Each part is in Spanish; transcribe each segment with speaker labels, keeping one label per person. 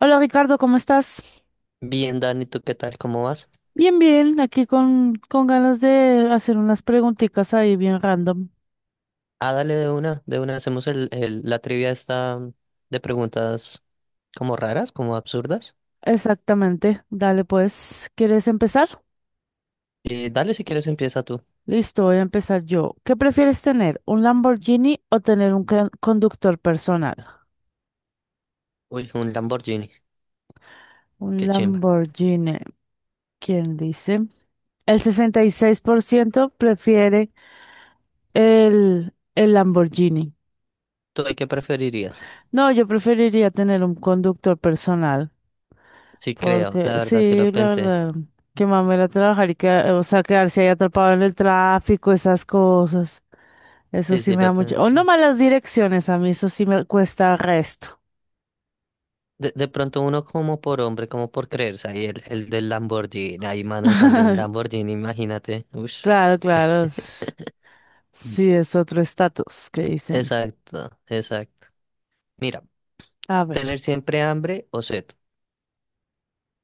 Speaker 1: Hola Ricardo, ¿cómo estás?
Speaker 2: Bien, Dani, ¿tú qué tal? ¿Cómo vas?
Speaker 1: Bien, bien, aquí con ganas de hacer unas preguntitas ahí bien random.
Speaker 2: Ah, dale de una, de una. Hacemos la trivia esta de preguntas como raras, como absurdas.
Speaker 1: Exactamente, dale pues, ¿quieres empezar?
Speaker 2: Dale si quieres empieza tú.
Speaker 1: Listo, voy a empezar yo. ¿Qué prefieres tener, un Lamborghini o tener un conductor personal?
Speaker 2: Uy, un Lamborghini.
Speaker 1: Un
Speaker 2: Qué chimba.
Speaker 1: Lamborghini, ¿quién dice? El 66% prefiere el Lamborghini.
Speaker 2: ¿Tú de qué preferirías?
Speaker 1: No, yo preferiría tener un conductor personal.
Speaker 2: Sí creo,
Speaker 1: Porque,
Speaker 2: la verdad sí
Speaker 1: sí,
Speaker 2: lo
Speaker 1: la
Speaker 2: pensé.
Speaker 1: verdad, que mamera trabajar y que, o sea, quedarse ahí atrapado en el tráfico, esas cosas. Eso
Speaker 2: Sí,
Speaker 1: sí
Speaker 2: sí
Speaker 1: me da
Speaker 2: lo
Speaker 1: mucho. O no
Speaker 2: pensé.
Speaker 1: malas direcciones, a mí eso sí me cuesta resto.
Speaker 2: De pronto uno como por hombre, como por creerse ahí, el del Lamborghini, ahí manejando un Lamborghini, imagínate. Ush.
Speaker 1: Claro, claro. Sí, es otro estatus que dicen.
Speaker 2: Exacto, exacto. Mira,
Speaker 1: A ver.
Speaker 2: tener siempre hambre o sed.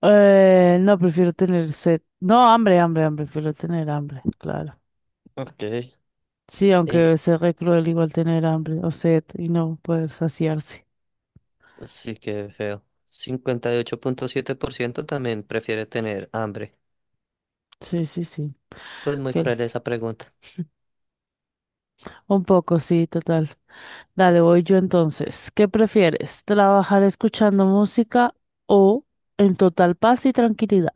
Speaker 1: No, prefiero tener sed. No, hambre, hambre, hambre. Prefiero tener hambre, claro.
Speaker 2: Ok.
Speaker 1: Sí, aunque
Speaker 2: El
Speaker 1: debe ser re cruel igual tener hambre o sed y no poder saciarse.
Speaker 2: Sí, que feo. 58,7% también prefiere tener hambre.
Speaker 1: Sí, sí, sí.
Speaker 2: Pues muy
Speaker 1: que el-
Speaker 2: cruel esa pregunta.
Speaker 1: Un poco, sí, total. Dale, voy yo entonces. ¿Qué prefieres? ¿Trabajar escuchando música o en total paz y tranquilidad?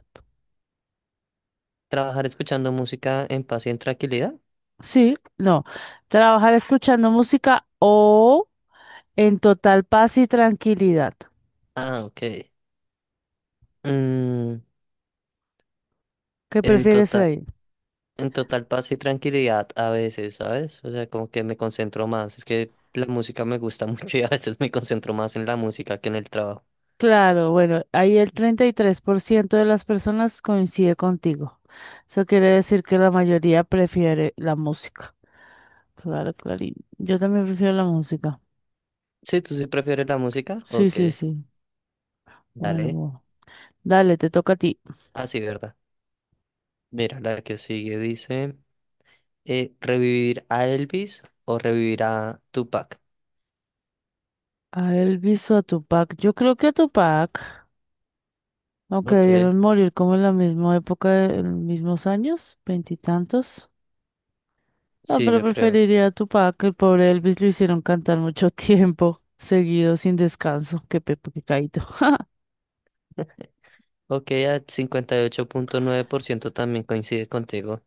Speaker 2: ¿Trabajar escuchando música en paz y en tranquilidad?
Speaker 1: Sí, no. Trabajar escuchando música o en total paz y tranquilidad.
Speaker 2: Ah, ok. Mm,
Speaker 1: ¿Qué
Speaker 2: en
Speaker 1: prefieres
Speaker 2: total,
Speaker 1: ahí?
Speaker 2: en total paz y tranquilidad a veces, ¿sabes? O sea, como que me concentro más. Es que la música me gusta mucho y a veces me concentro más en la música que en el trabajo.
Speaker 1: Claro, bueno, ahí el 33% de las personas coincide contigo. Eso quiere decir que la mayoría prefiere la música. Claro, clarín. Yo también prefiero la música.
Speaker 2: Sí, ¿tú sí prefieres la música?
Speaker 1: Sí,
Speaker 2: Ok,
Speaker 1: sí, sí. Bueno,
Speaker 2: dale.
Speaker 1: bueno. Dale, te toca a ti.
Speaker 2: Ah, sí, ¿verdad? Mira, la que sigue dice: ¿revivir a Elvis o revivir a Tupac?
Speaker 1: A Elvis o a Tupac. Yo creo que a Tupac, aunque
Speaker 2: Ok.
Speaker 1: debieron morir como en la misma época, en mismos años, veintitantos. No,
Speaker 2: Sí,
Speaker 1: pero
Speaker 2: yo creo.
Speaker 1: preferiría a Tupac. El pobre Elvis lo hicieron cantar mucho tiempo, seguido, sin descanso. Qué pepe, qué caído.
Speaker 2: Ok, a 58,9% también coincide contigo.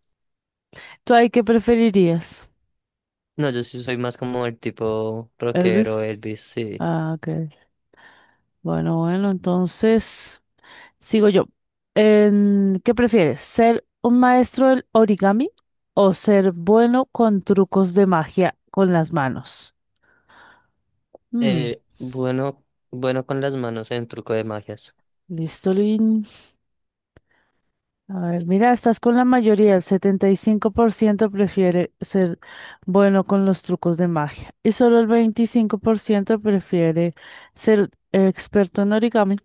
Speaker 1: ¿Tú ahí qué preferirías?
Speaker 2: No, yo sí soy más como el tipo rockero,
Speaker 1: Elvis.
Speaker 2: Elvis, sí.
Speaker 1: Ah, ok. Bueno, bueno, entonces sigo yo. ¿Qué prefieres? ¿Ser un maestro del origami o ser bueno con trucos de magia con las manos? Mm,
Speaker 2: Bueno, bueno con las manos en truco de magias.
Speaker 1: listo, Lin. A ver, mira, estás con la mayoría. El 75% prefiere ser bueno con los trucos de magia. Y solo el 25% prefiere ser experto en origami.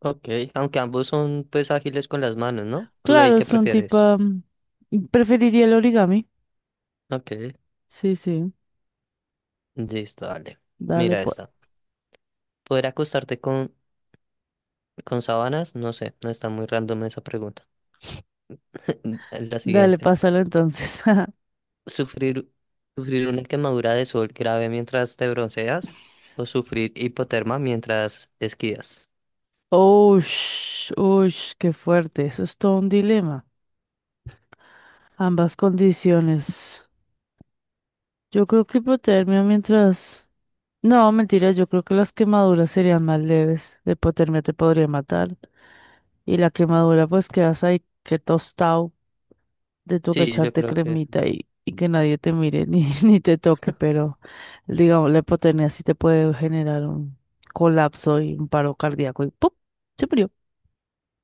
Speaker 2: Ok. Aunque ambos son pues ágiles con las manos, ¿no? ¿Tú ahí
Speaker 1: Claro,
Speaker 2: qué
Speaker 1: es un
Speaker 2: prefieres?
Speaker 1: tipo... mm, preferiría el origami.
Speaker 2: Ok.
Speaker 1: Sí, sí.
Speaker 2: Listo, dale.
Speaker 1: Dale,
Speaker 2: Mira
Speaker 1: pues.
Speaker 2: esta. ¿Poder acostarte con sábanas? No sé, no está muy random esa pregunta. La
Speaker 1: Dale,
Speaker 2: siguiente.
Speaker 1: pásalo entonces.
Speaker 2: Sufrir, sufrir una quemadura de sol grave mientras te bronceas o sufrir hipotermia mientras esquías.
Speaker 1: Ush, ush, qué fuerte. Eso es todo un dilema. Ambas condiciones. Yo creo que hipotermia mientras... No, mentira, yo creo que las quemaduras serían más leves. La hipotermia te podría matar. Y la quemadura, pues quedas ahí que tostado de tu que
Speaker 2: Sí, yo
Speaker 1: echarte
Speaker 2: creo que
Speaker 1: cremita y que nadie te mire ni, ni te toque. Pero, digamos, la hipotermia sí te puede generar un colapso y un paro cardíaco y ¡pum! Se murió.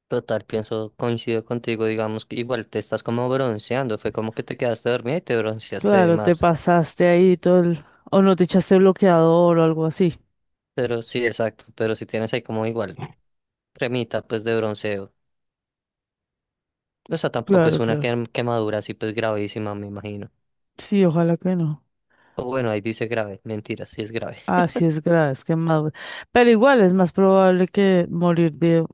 Speaker 2: total, pienso, coincido contigo, digamos que igual te estás como bronceando, fue como que te quedaste dormida y te bronceaste de
Speaker 1: Claro, te
Speaker 2: más.
Speaker 1: pasaste ahí todo el... O no te echaste bloqueador o algo así.
Speaker 2: Pero sí, exacto, pero si tienes ahí como igual cremita pues de bronceo. O sea, tampoco
Speaker 1: Claro,
Speaker 2: es una
Speaker 1: claro.
Speaker 2: quemadura así pues gravísima, me imagino.
Speaker 1: Sí, ojalá que no.
Speaker 2: O bueno, ahí dice grave, mentira, sí es grave.
Speaker 1: Ah, sí es grave, es quemadura. Pero igual es más probable que morir de.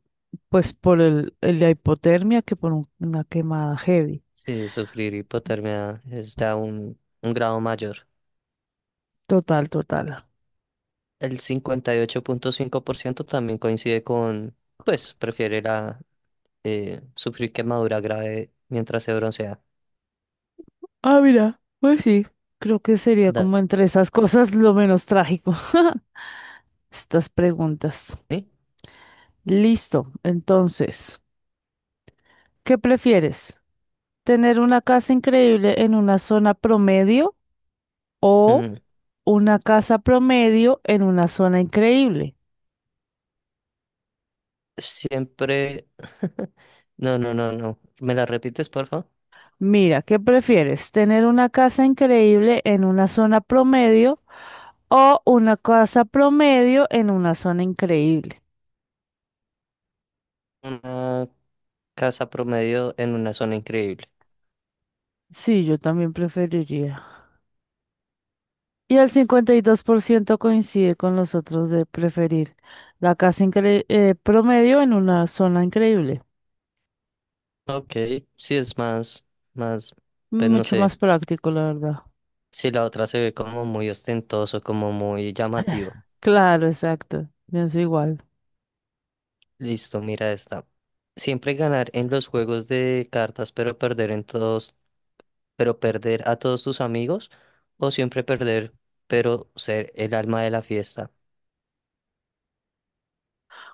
Speaker 1: Pues por el la hipotermia que por una quemada heavy.
Speaker 2: Sí, sufrir hipotermia es ya un grado mayor.
Speaker 1: Total, total.
Speaker 2: El 58,5% también coincide con, pues, prefiere la, sufrir quemadura grave mientras se broncea.
Speaker 1: Ah, mira, pues sí. Creo que sería
Speaker 2: Dani,
Speaker 1: como entre esas cosas lo menos trágico. Estas preguntas. Listo. Entonces, ¿qué prefieres? ¿Tener una casa increíble en una zona promedio o
Speaker 2: mm,
Speaker 1: una casa promedio en una zona increíble?
Speaker 2: siempre. No, no, no, no. ¿Me la repites, por favor?
Speaker 1: Mira, ¿qué prefieres? ¿Tener una casa increíble en una zona promedio o una casa promedio en una zona increíble?
Speaker 2: Una casa promedio en una zona increíble.
Speaker 1: Sí, yo también preferiría. Y el 52% coincide con los otros de preferir la casa promedio en una zona increíble.
Speaker 2: Ok, sí es más, más, pues no
Speaker 1: Mucho
Speaker 2: sé,
Speaker 1: más práctico, la verdad.
Speaker 2: si la otra se ve como muy ostentoso, como muy llamativo.
Speaker 1: Claro, exacto. Pienso igual.
Speaker 2: Listo, mira esta. Siempre ganar en los juegos de cartas, pero perder a todos tus amigos, o siempre perder, pero ser el alma de la fiesta.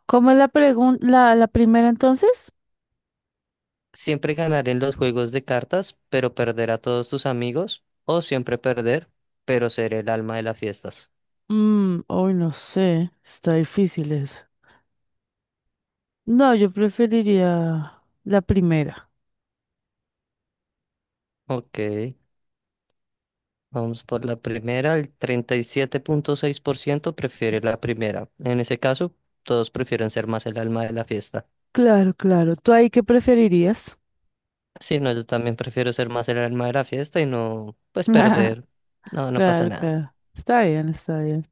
Speaker 1: ¿Cómo es la, la primera entonces?
Speaker 2: Siempre ganar en los juegos de cartas, pero perder a todos tus amigos, o siempre perder, pero ser el alma de las fiestas.
Speaker 1: Mm, hoy no sé. Está difícil eso. No, yo preferiría la primera.
Speaker 2: Ok, vamos por la primera. El 37,6% prefiere la primera. En ese caso, todos prefieren ser más el alma de la fiesta.
Speaker 1: Claro, claro. ¿Tú ahí qué preferirías?
Speaker 2: Sí, no, yo también prefiero ser más el alma de la fiesta y no, pues perder. No, no pasa
Speaker 1: Claro,
Speaker 2: nada.
Speaker 1: claro. Está bien, está bien.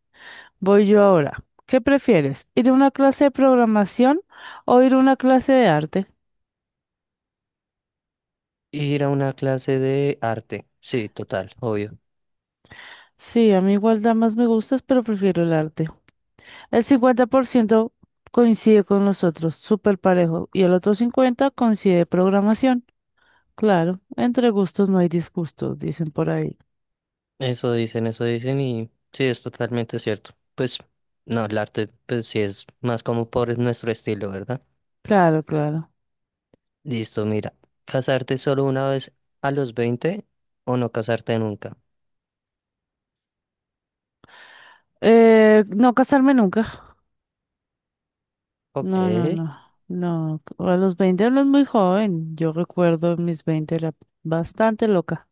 Speaker 1: Voy yo ahora. ¿Qué prefieres? ¿Ir a una clase de programación o ir a una clase de arte?
Speaker 2: Ir a una clase de arte. Sí, total, obvio.
Speaker 1: Sí, a mí igual da más me gustas, pero prefiero el arte. El 50% coincide con nosotros, súper parejo, y el otro 50% coincide programación. Claro, entre gustos no hay disgustos, dicen por ahí.
Speaker 2: Eso dicen y sí, es totalmente cierto. Pues no, el arte, pues sí es más como por nuestro estilo, ¿verdad?
Speaker 1: Claro, claro.
Speaker 2: Listo, mira. ¿Casarte solo una vez a los 20 o no casarte nunca?
Speaker 1: No casarme nunca.
Speaker 2: Ok.
Speaker 1: No, no, no, no. A los 20 uno es muy joven. Yo recuerdo mis 20 era bastante loca.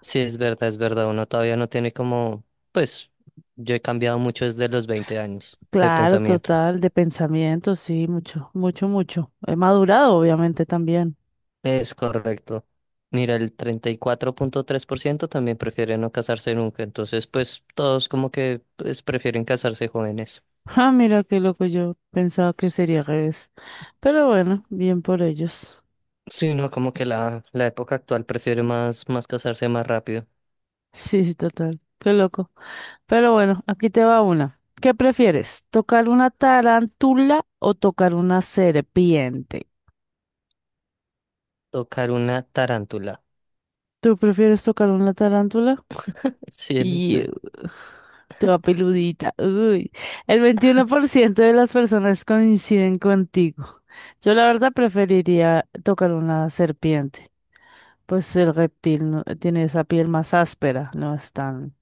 Speaker 2: Sí, es verdad, es verdad. Uno todavía no tiene como, pues yo he cambiado mucho desde los 20 años de
Speaker 1: Claro,
Speaker 2: pensamiento.
Speaker 1: total, de pensamiento, sí, mucho, mucho, mucho. He madurado, obviamente, también.
Speaker 2: Es correcto. Mira, el 34,3% también prefiere no casarse nunca, entonces pues todos como que pues, prefieren casarse jóvenes.
Speaker 1: Ah, mira qué loco, yo pensaba que sería al revés. Pero bueno, bien por ellos.
Speaker 2: Sí, no, como que la época actual prefiere más casarse más rápido.
Speaker 1: Sí, sí, total, qué loco. Pero bueno, aquí te va una. ¿Qué prefieres? ¿Tocar una tarántula o tocar una serpiente?
Speaker 2: Tocar una tarántula.
Speaker 1: ¿Tú prefieres tocar una tarántula?
Speaker 2: Sí, en
Speaker 1: Y
Speaker 2: este.
Speaker 1: ugh, toda peludita. Uy, el 21% de las personas coinciden contigo. Yo la verdad preferiría tocar una serpiente. Pues el reptil tiene esa piel más áspera, no es tan,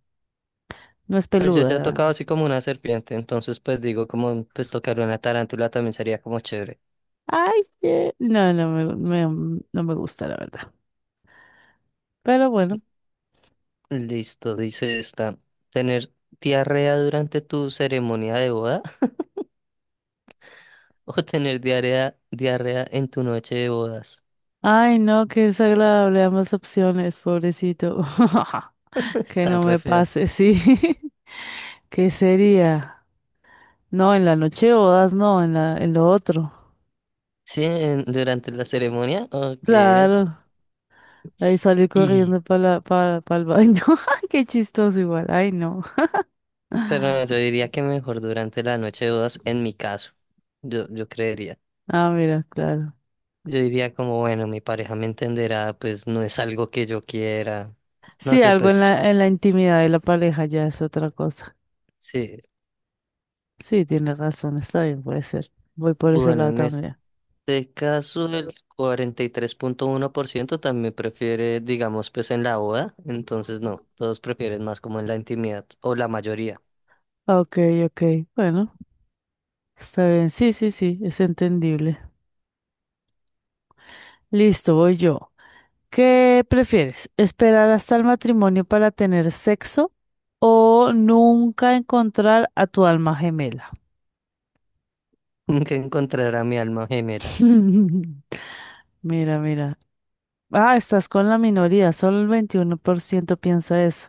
Speaker 1: no es
Speaker 2: Pues yo
Speaker 1: peluda,
Speaker 2: ya he
Speaker 1: la verdad.
Speaker 2: tocado así como una serpiente, entonces pues digo como pues tocar una tarántula también sería como chévere.
Speaker 1: Ay, no, no me gusta, la verdad. Pero bueno.
Speaker 2: Listo, dice esta. Tener diarrea durante tu ceremonia de boda o tener diarrea, diarrea en tu noche de bodas.
Speaker 1: Ay, no, qué desagradable ambas opciones, pobrecito. Que
Speaker 2: Están
Speaker 1: no
Speaker 2: re
Speaker 1: me
Speaker 2: feas.
Speaker 1: pase, sí. ¿Qué sería? No, en la noche bodas, no, en la, en lo otro.
Speaker 2: Sí, durante la ceremonia, ok.
Speaker 1: Claro, ahí salí
Speaker 2: Y,
Speaker 1: corriendo para el baño. Qué chistoso igual, ay no.
Speaker 2: pero no, yo diría que mejor durante la noche de bodas, en mi caso, yo creería.
Speaker 1: Ah, mira, claro.
Speaker 2: Yo diría como, bueno, mi pareja me entenderá, pues no es algo que yo quiera. No
Speaker 1: Sí,
Speaker 2: sé,
Speaker 1: algo en
Speaker 2: pues
Speaker 1: la intimidad de la pareja ya es otra cosa.
Speaker 2: sí.
Speaker 1: Sí, tienes razón, está bien, puede ser. Voy por ese
Speaker 2: Bueno,
Speaker 1: lado
Speaker 2: en
Speaker 1: también.
Speaker 2: este caso, el 43,1% también prefiere, digamos, pues en la boda. Entonces, no, todos prefieren más como en la intimidad, o la mayoría.
Speaker 1: Ok, ok, bueno, está bien, sí, sí, sí, es entendible. Listo, voy yo. ¿Qué prefieres? ¿Esperar hasta el matrimonio para tener sexo o nunca encontrar a tu alma gemela?
Speaker 2: Que encontrará mi alma gemela.
Speaker 1: Mira, mira. Ah, estás con la minoría. Solo el 21% piensa eso.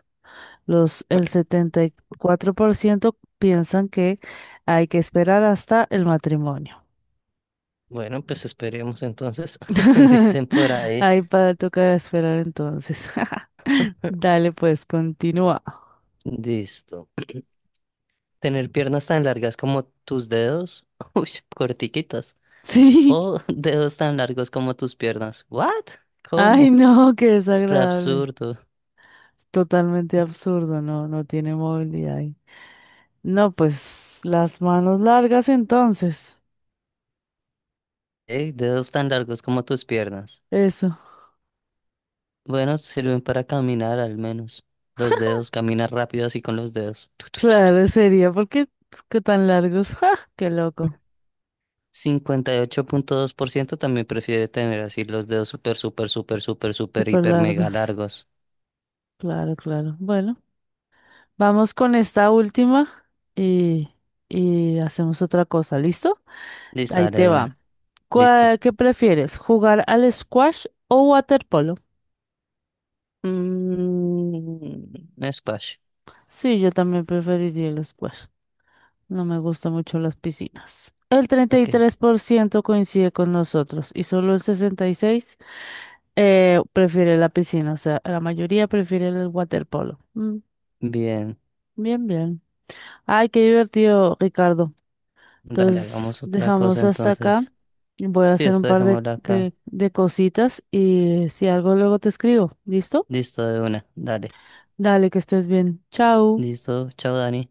Speaker 1: El 74% piensan que hay que esperar hasta el matrimonio.
Speaker 2: Bueno, pues esperemos entonces, dicen por ahí,
Speaker 1: Ahí para toca esperar entonces. Dale, pues, continúa.
Speaker 2: listo. Tener piernas tan largas como tus dedos, uy, cortiquitas,
Speaker 1: Sí.
Speaker 2: o dedos tan largos como tus piernas. ¿What?
Speaker 1: Ay,
Speaker 2: ¿Cómo?
Speaker 1: no, qué
Speaker 2: Re
Speaker 1: desagradable.
Speaker 2: absurdo.
Speaker 1: Totalmente absurdo, no, no tiene movilidad ahí. No, pues las manos largas entonces.
Speaker 2: Ey, dedos tan largos como tus piernas.
Speaker 1: Eso.
Speaker 2: Bueno, sirven para caminar al menos. Los dedos, camina rápido así con los dedos. Tu, tu, tu, tu.
Speaker 1: Claro, sería porque qué tan largos. ¡Ja! ¡Qué loco!
Speaker 2: 58,2% también prefiere tener así los dedos súper, súper, súper, súper, súper,
Speaker 1: Súper
Speaker 2: hiper, mega
Speaker 1: largos.
Speaker 2: largos.
Speaker 1: Claro, claro. Bueno, vamos con esta última y, y hacemos otra cosa. ¿Listo?
Speaker 2: Listo,
Speaker 1: Ahí
Speaker 2: dale
Speaker 1: te
Speaker 2: de una.
Speaker 1: va.
Speaker 2: Listo.
Speaker 1: ¿Qué prefieres? ¿Jugar al squash o waterpolo?
Speaker 2: Squash.
Speaker 1: Sí, yo también preferiría el squash. No me gustan mucho las piscinas. El treinta y
Speaker 2: Ok,
Speaker 1: tres por ciento coincide con nosotros y solo el 66% prefiere la piscina. O sea, la mayoría prefiere el waterpolo. Mm,
Speaker 2: bien.
Speaker 1: bien, bien. Ay, qué divertido, Ricardo.
Speaker 2: Dale,
Speaker 1: Entonces,
Speaker 2: hagamos otra cosa
Speaker 1: dejamos hasta acá.
Speaker 2: entonces.
Speaker 1: Voy a
Speaker 2: Sí,
Speaker 1: hacer un
Speaker 2: esto
Speaker 1: par de,
Speaker 2: dejémoslo acá.
Speaker 1: de, de cositas y si algo luego te escribo. ¿Listo?
Speaker 2: Listo de una. Dale.
Speaker 1: Dale, que estés bien. Chao.
Speaker 2: Listo. Chao, Dani.